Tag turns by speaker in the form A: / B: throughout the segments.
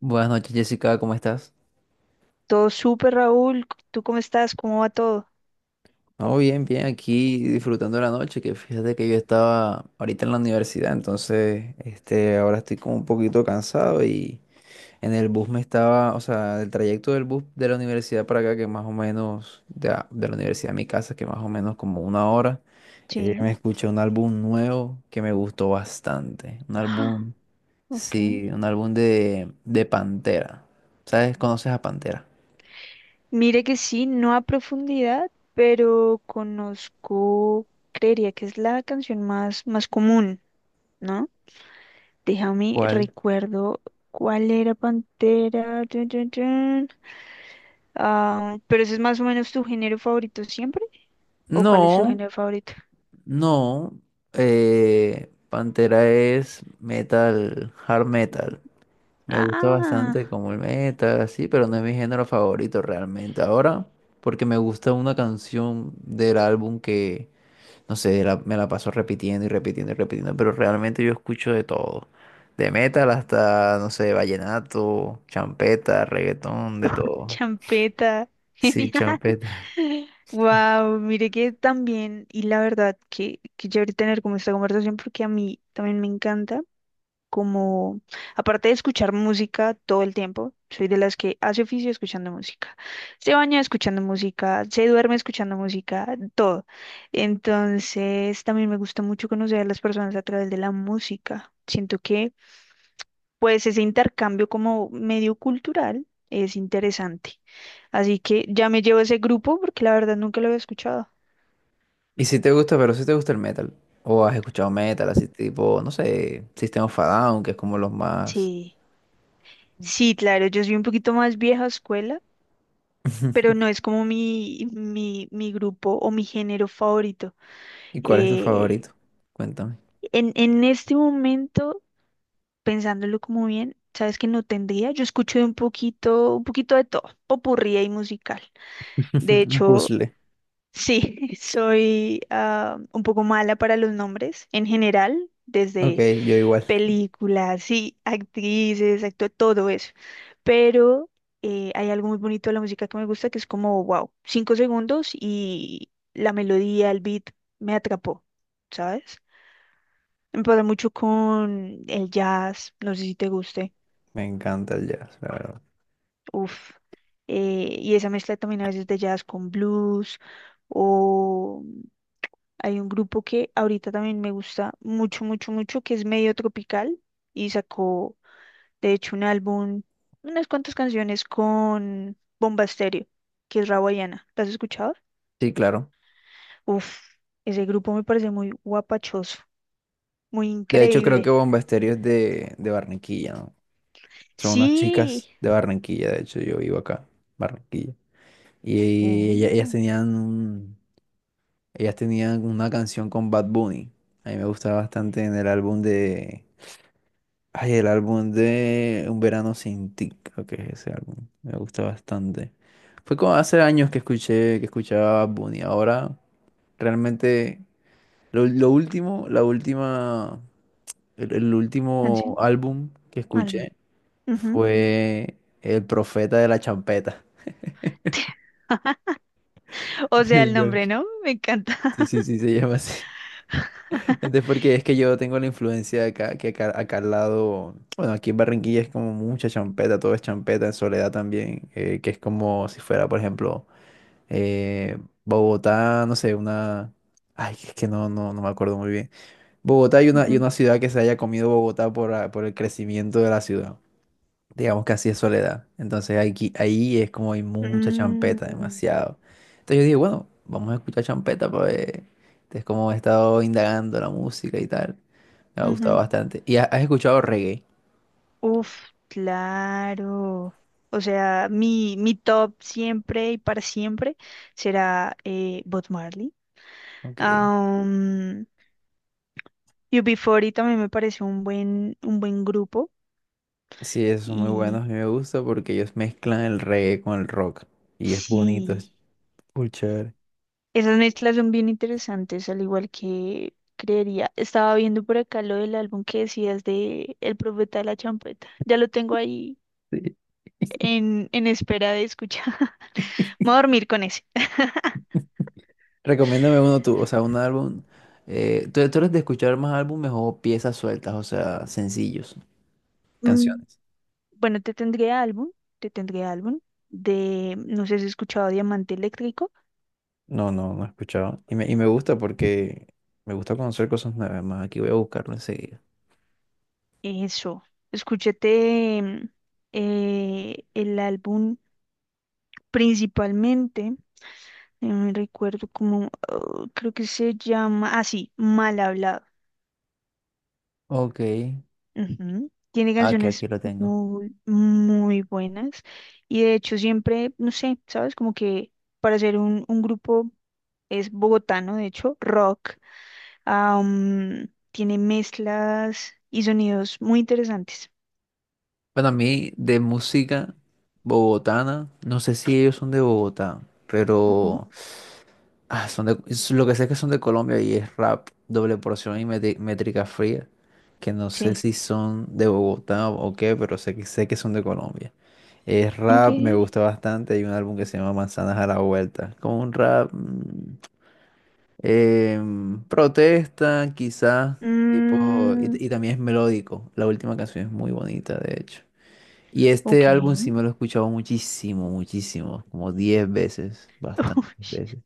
A: Buenas noches, Jessica, ¿cómo estás?
B: Todo súper, Raúl. ¿Tú cómo estás? ¿Cómo va todo?
A: No, bien, bien, aquí disfrutando de la noche, que fíjate que yo estaba ahorita en la universidad, entonces, ahora estoy como un poquito cansado y en el bus me estaba, o sea, el trayecto del bus de la universidad para acá, que más o menos, de la universidad a mi casa, que más o menos como una hora,
B: Sí.
A: me escuché un álbum nuevo que me gustó bastante, un
B: Ah,
A: álbum,
B: ok.
A: sí, un álbum de Pantera, ¿sabes? ¿Conoces a Pantera?
B: Mire que sí, no a profundidad, pero conozco, creería que es la canción más, más común, ¿no? Déjame,
A: ¿Cuál?
B: recuerdo cuál era Pantera. Tun, tun, tun. Ah, pero ese es más o menos tu género favorito siempre, ¿o cuál es tu
A: No.
B: género favorito?
A: No, Pantera es metal, hard metal. Me gusta
B: Ah,
A: bastante como el metal, así, pero no es mi género favorito realmente. Ahora, porque me gusta una canción del álbum que, no sé, me la paso repitiendo y repitiendo y repitiendo, pero realmente yo escucho de todo. De metal hasta, no sé, vallenato, champeta, reggaetón, de todo.
B: champeta.
A: Sí,
B: Genial.
A: champeta.
B: Wow, mire que también, y la verdad que chévere tener como esta conversación porque a mí también me encanta, como, aparte de escuchar música todo el tiempo, soy de las que hace oficio escuchando música, se baña escuchando música, se duerme escuchando música, todo. Entonces, también me gusta mucho conocer a las personas a través de la música. Siento que, pues, ese intercambio como medio cultural es interesante. Así que ya me llevo ese grupo porque la verdad nunca lo había escuchado.
A: Y si te gusta, pero si te gusta el metal, o has escuchado metal, así tipo, no sé, System of a Down, que es como los más.
B: Sí, sí, claro, yo soy un poquito más vieja escuela, pero no es como mi, mi grupo o mi género favorito.
A: ¿Y cuál es tu
B: Eh,
A: favorito? Cuéntame.
B: en este momento, pensándolo como bien, sabes que no tendría, yo escucho de un poquito de todo, popurrí y musical. De
A: Un
B: hecho,
A: puzzle.
B: sí, soy un poco mala para los nombres en general,
A: Ok,
B: desde
A: yo igual.
B: películas, sí, actrices, actúa todo eso. Pero hay algo muy bonito de la música que me gusta que es como, wow, 5 segundos y la melodía, el beat me atrapó, ¿sabes? Me pasa mucho con el jazz, no sé si te guste,
A: Me encanta el jazz, la verdad.
B: uff. Y esa mezcla también a veces de jazz con blues o hay un grupo que ahorita también me gusta mucho, mucho, mucho que es medio tropical y sacó, de hecho, un álbum, unas cuantas canciones con Bomba Estéreo, que es Rawayana. ¿Las has escuchado?
A: Sí, claro.
B: Uf, ese grupo me parece muy guapachoso, muy
A: De hecho, creo
B: increíble.
A: que Bomba Estéreo es de Barranquilla, ¿no? Son unas
B: Sí.
A: chicas de Barranquilla, de hecho, yo vivo acá, Barranquilla. Y ellas,
B: Oh,
A: tenían una canción con Bad Bunny. A mí me gustaba bastante en el álbum de Ay, el álbum de Un verano sin ti, creo que es ese álbum. Me gusta bastante. Fue como hace años que escuché, que escuchaba Bad Bunny. Ahora, realmente, lo último, la última, el último
B: canción,
A: álbum que
B: álbum.
A: escuché
B: Ujú.
A: fue El Profeta de la Champeta.
B: O sea, el
A: El
B: nombre,
A: Yonki.
B: ¿no? Me encanta.
A: Sí, sí, sí, se llama así. Entonces, porque es que yo tengo la influencia de acá, que acá al lado, bueno, aquí en Barranquilla es como mucha champeta, todo es champeta, en Soledad también, que es como si fuera, por ejemplo, eh, Bogotá, no sé, una... Ay, es que no, no, no me acuerdo muy bien. Bogotá y una, y
B: Ujú.
A: una ciudad que se haya comido Bogotá por el crecimiento de la ciudad digamos que así es Soledad. Entonces aquí, ahí es como hay mucha
B: Mm,
A: champeta, demasiado. Entonces yo dije, bueno, vamos a escuchar champeta para ver. Entonces como he estado indagando la música y tal, me ha gustado
B: ujú.
A: bastante. ¿Y has escuchado reggae?
B: Uf, claro. O sea, mi top siempre y para siempre será Bob Marley.
A: Ok.
B: Um, UB40 también me pareció un buen grupo
A: Sí, esos son muy buenos,
B: y
A: a mí me gusta porque ellos mezclan el reggae con el rock. Y es bonito, es
B: sí,
A: full chévere.
B: esas mezclas son bien interesantes, al igual que creería. Estaba viendo por acá lo del álbum que decías de El Profeta de la Champeta. Ya lo tengo ahí
A: Sí.
B: en espera de escuchar. Me voy a dormir con ese.
A: Recomiéndame uno tú, o sea, un álbum. ¿Tú eres de escuchar más álbumes o piezas sueltas, o sea, sencillos,
B: Mm,
A: canciones?
B: bueno, te tendré álbum de, no sé si has escuchado Diamante Eléctrico.
A: No, no, no he escuchado. Y me gusta porque me gusta conocer cosas nuevas. Más aquí voy a buscarlo enseguida.
B: Eso, escúchate el álbum. Principalmente, me recuerdo como, oh, creo que se llama así, Mal Hablado.
A: Ok.
B: Ujú. Tiene
A: Ah, que aquí
B: canciones
A: lo tengo.
B: muy, muy buenas y de hecho siempre, no sé, ¿sabes? Como que para ser un grupo es bogotano, de hecho, rock, tiene mezclas y sonidos muy interesantes.
A: Bueno, a mí de música bogotana, no sé si ellos son de Bogotá,
B: Ujú,
A: pero es lo que sé es que son de Colombia y es rap, doble porción y métrica fría, que no sé
B: sí,
A: si son de Bogotá o qué, pero sé que son de Colombia. Es
B: ok.
A: rap, me gusta bastante. Hay un álbum que se llama Manzanas a la Vuelta, como un rap. Protesta, quizás, tipo,
B: Mm,
A: y también es melódico. La última canción es muy bonita, de hecho. Y este álbum sí
B: ok.
A: me lo he escuchado muchísimo, muchísimo, como 10 veces, bastantes veces.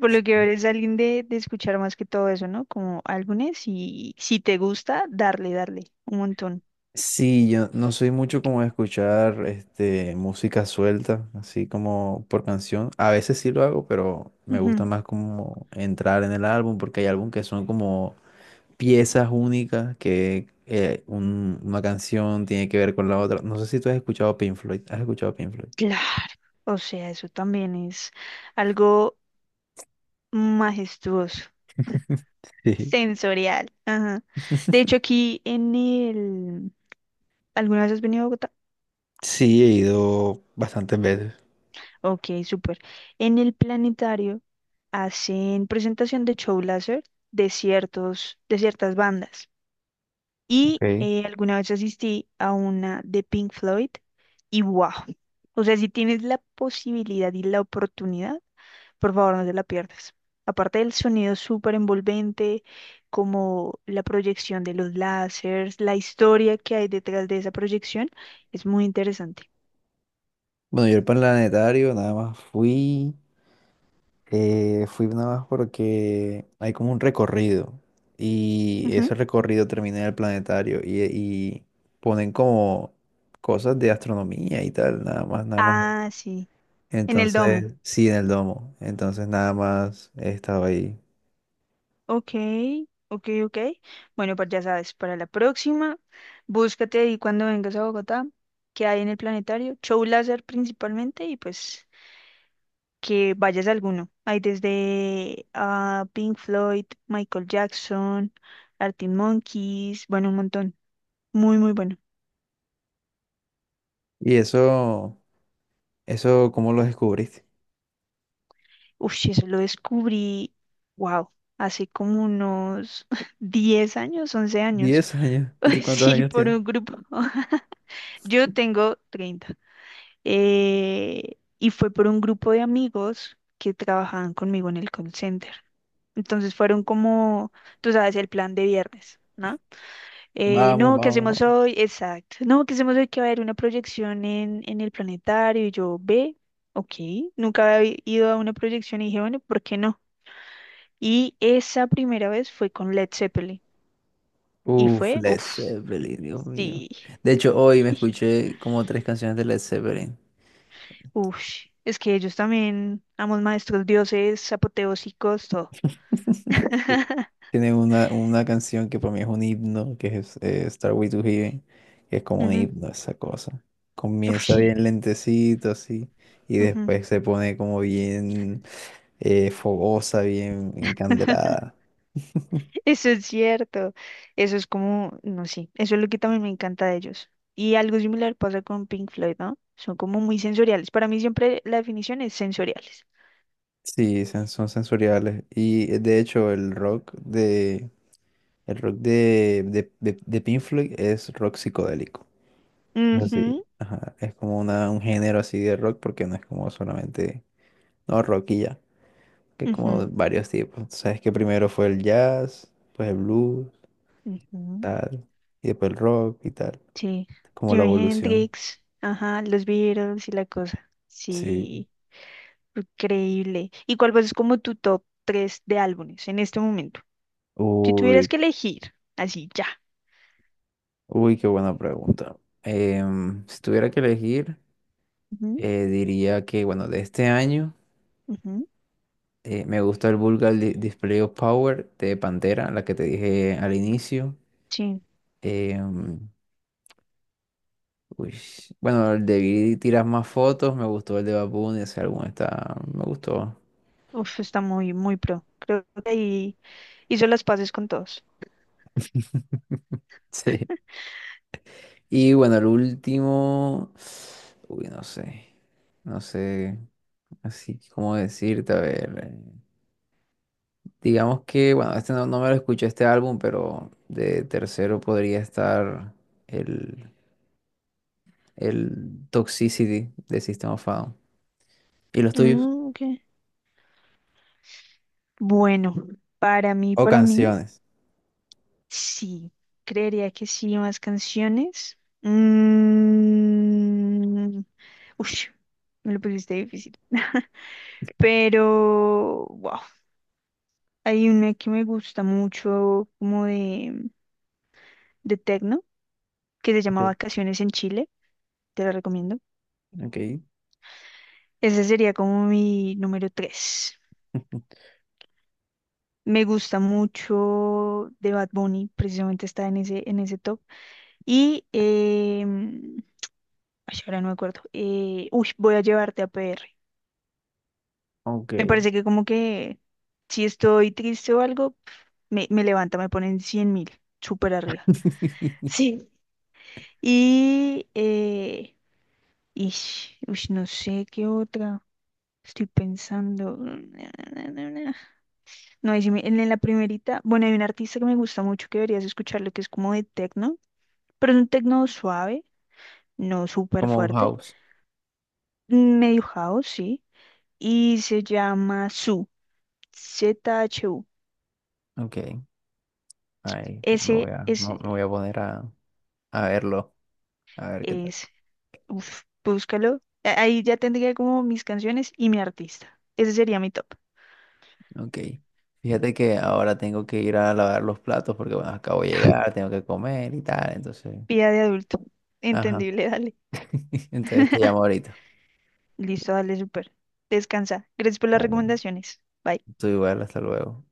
B: Por lo que eres alguien de escuchar más que todo eso, ¿no? Como álbumes y si te gusta, darle, darle un montón.
A: Sí, yo no soy mucho como de escuchar música suelta, así como por canción. A veces sí lo hago, pero me
B: Ujú,
A: gusta más como entrar en el álbum, porque hay álbumes que son como piezas únicas que una canción tiene que ver con la otra. No sé si tú has escuchado Pink Floyd. ¿Has escuchado Pink Floyd?
B: claro. O sea, eso también es algo majestuoso,
A: Sí,
B: sensorial. Ajá. De hecho, aquí en el. ¿Alguna vez has venido a Bogotá?
A: sí, he ido bastantes veces.
B: Ok, súper. En el planetario hacen presentación de show láser de ciertas bandas. Y
A: Ok.
B: alguna vez asistí a una de Pink Floyd y wow. O sea, si tienes la posibilidad y la oportunidad, por favor no te la pierdas. Aparte del sonido súper envolvente, como la proyección de los láseres, la historia que hay detrás de esa proyección, es muy interesante.
A: Bueno, yo el planetario nada más fui, fui nada más porque hay como un recorrido y ese
B: Ujú.
A: recorrido termina en el planetario y ponen como cosas de astronomía y tal, nada más, nada más.
B: Ah, sí, en el domo.
A: Entonces, sí, en el domo. Entonces nada más he estado ahí.
B: Ok, ok, ok. Bueno, pues ya sabes, para la próxima, búscate ahí cuando vengas a Bogotá, que hay en el planetario, show láser principalmente, y pues que vayas a alguno. Hay desde Pink Floyd, Michael Jackson, Arctic Monkeys, bueno, un montón. Muy, muy bueno.
A: ¿Y eso cómo lo descubriste?
B: Uf, sí, eso lo descubrí, wow, hace como unos 10 años, 11 años.
A: 10 años. ¿Y tú cuántos
B: Sí,
A: años
B: por
A: tienes?
B: un grupo. Yo tengo 30. Y fue por un grupo de amigos que trabajaban conmigo en el call center. Entonces fueron como, tú sabes, el plan de viernes, ¿no?
A: Vamos,
B: No, ¿qué
A: vamos,
B: hacemos
A: vamos.
B: hoy? Exacto. No, ¿qué hacemos hoy? Que va a haber una proyección en el planetario. Y yo, ve, ok. Nunca había ido a una proyección y dije, bueno, ¿por qué no? Y esa primera vez fue con Led Zeppelin. Y
A: Uf,
B: fue,
A: Led
B: uff,
A: Zeppelin, Dios mío.
B: sí.
A: De hecho, hoy me escuché como tres canciones de Led Zeppelin.
B: Uff, es que ellos también, amos maestros, dioses, apoteósicos, todo.
A: Eh, Tiene una canción que para mí es un himno, que es Starway to Heaven, que es como un
B: Ujú.
A: himno esa cosa.
B: Ush,
A: Comienza bien lentecito así, y
B: ujú.
A: después se pone como bien fogosa, bien encandelada.
B: Eso es cierto. Eso es como, no sé, eso es lo que también me encanta de ellos. Y algo similar pasa con Pink Floyd, ¿no? Son como muy sensoriales. Para mí siempre la definición es sensoriales.
A: Sí, son sensoriales. Y de hecho el rock de Pink Floyd es rock psicodélico. Así,
B: Ujú,
A: ajá, es como un género así de rock porque no es como solamente, no, rock y ya. Que como
B: ujú,
A: varios tipos. Tú sabes que primero fue el jazz, pues el blues,
B: ujú.
A: tal, y después el rock y tal,
B: Sí.
A: como la
B: Jimi
A: evolución.
B: Hendrix, ajá, los Beatles y la cosa.
A: Sí.
B: Sí, increíble. ¿Y cuál es como tu top 3 de álbumes en este momento? Si
A: Uy,
B: tuvieras que elegir, así ya.
A: uy, qué buena pregunta. Si tuviera que elegir,
B: Ujú,
A: diría que, bueno, de este año
B: ujú,
A: me gusta el Vulgar Display of Power de Pantera, la que te dije al inicio.
B: sí.
A: Em, uy, bueno, el de Vi tiras más fotos, me gustó el de Bad Bunny, ese álbum está, me gustó.
B: Uf, está muy, muy pro. Creo que ahí hizo las paces con todos.
A: Sí. Y bueno, el último. Uy, no sé. No sé. Así cómo decirte, a ver. Digamos que, bueno, este no, no me lo escuché este álbum, pero de tercero podría estar el, el Toxicity de System of a Down. ¿Y los tuyos?
B: Mm, ok. Bueno,
A: O
B: para mí,
A: canciones.
B: sí. Creería que sí, más canciones. Ush, me lo pusiste difícil. Pero, wow, hay una que me gusta mucho, como de techno, que se llama
A: Sí.
B: Vacaciones en Chile. Te la recomiendo.
A: Ok.
B: Ese sería como mi número 3. Me gusta mucho de Bad Bunny, precisamente está en ese top. Y, ay, ahora no me acuerdo. Uy, voy a llevarte a PR.
A: Ok.
B: Me parece que como que si estoy triste o algo, me levanta, me ponen 100.000, súper arriba. Sí. Y, ish, ush, no sé qué otra. Estoy pensando. No, ahí sí en la primerita, bueno, hay un artista que me gusta mucho que deberías escucharlo, que es como de techno, pero es un techno suave, no súper
A: Como un
B: fuerte,
A: house.
B: medio house, sí, y se llama Su, ZHU.
A: Ok. Ahí me voy
B: Ese
A: a, me
B: es,
A: me voy a poner a verlo. A ver qué tal.
B: es, uf, búscalo. Ahí ya tendría como mis canciones y mi artista. Ese sería mi top.
A: Ok. Fíjate que ahora tengo que ir a lavar los platos porque bueno, acabo de llegar, tengo que comer y tal, entonces,
B: Vida de adulto.
A: ajá.
B: Entendible, dale.
A: Entonces te llamo ahorita.
B: Listo, dale, súper. Descansa. Gracias por las
A: Dale.
B: recomendaciones. Bye.
A: Tú igual, hasta luego.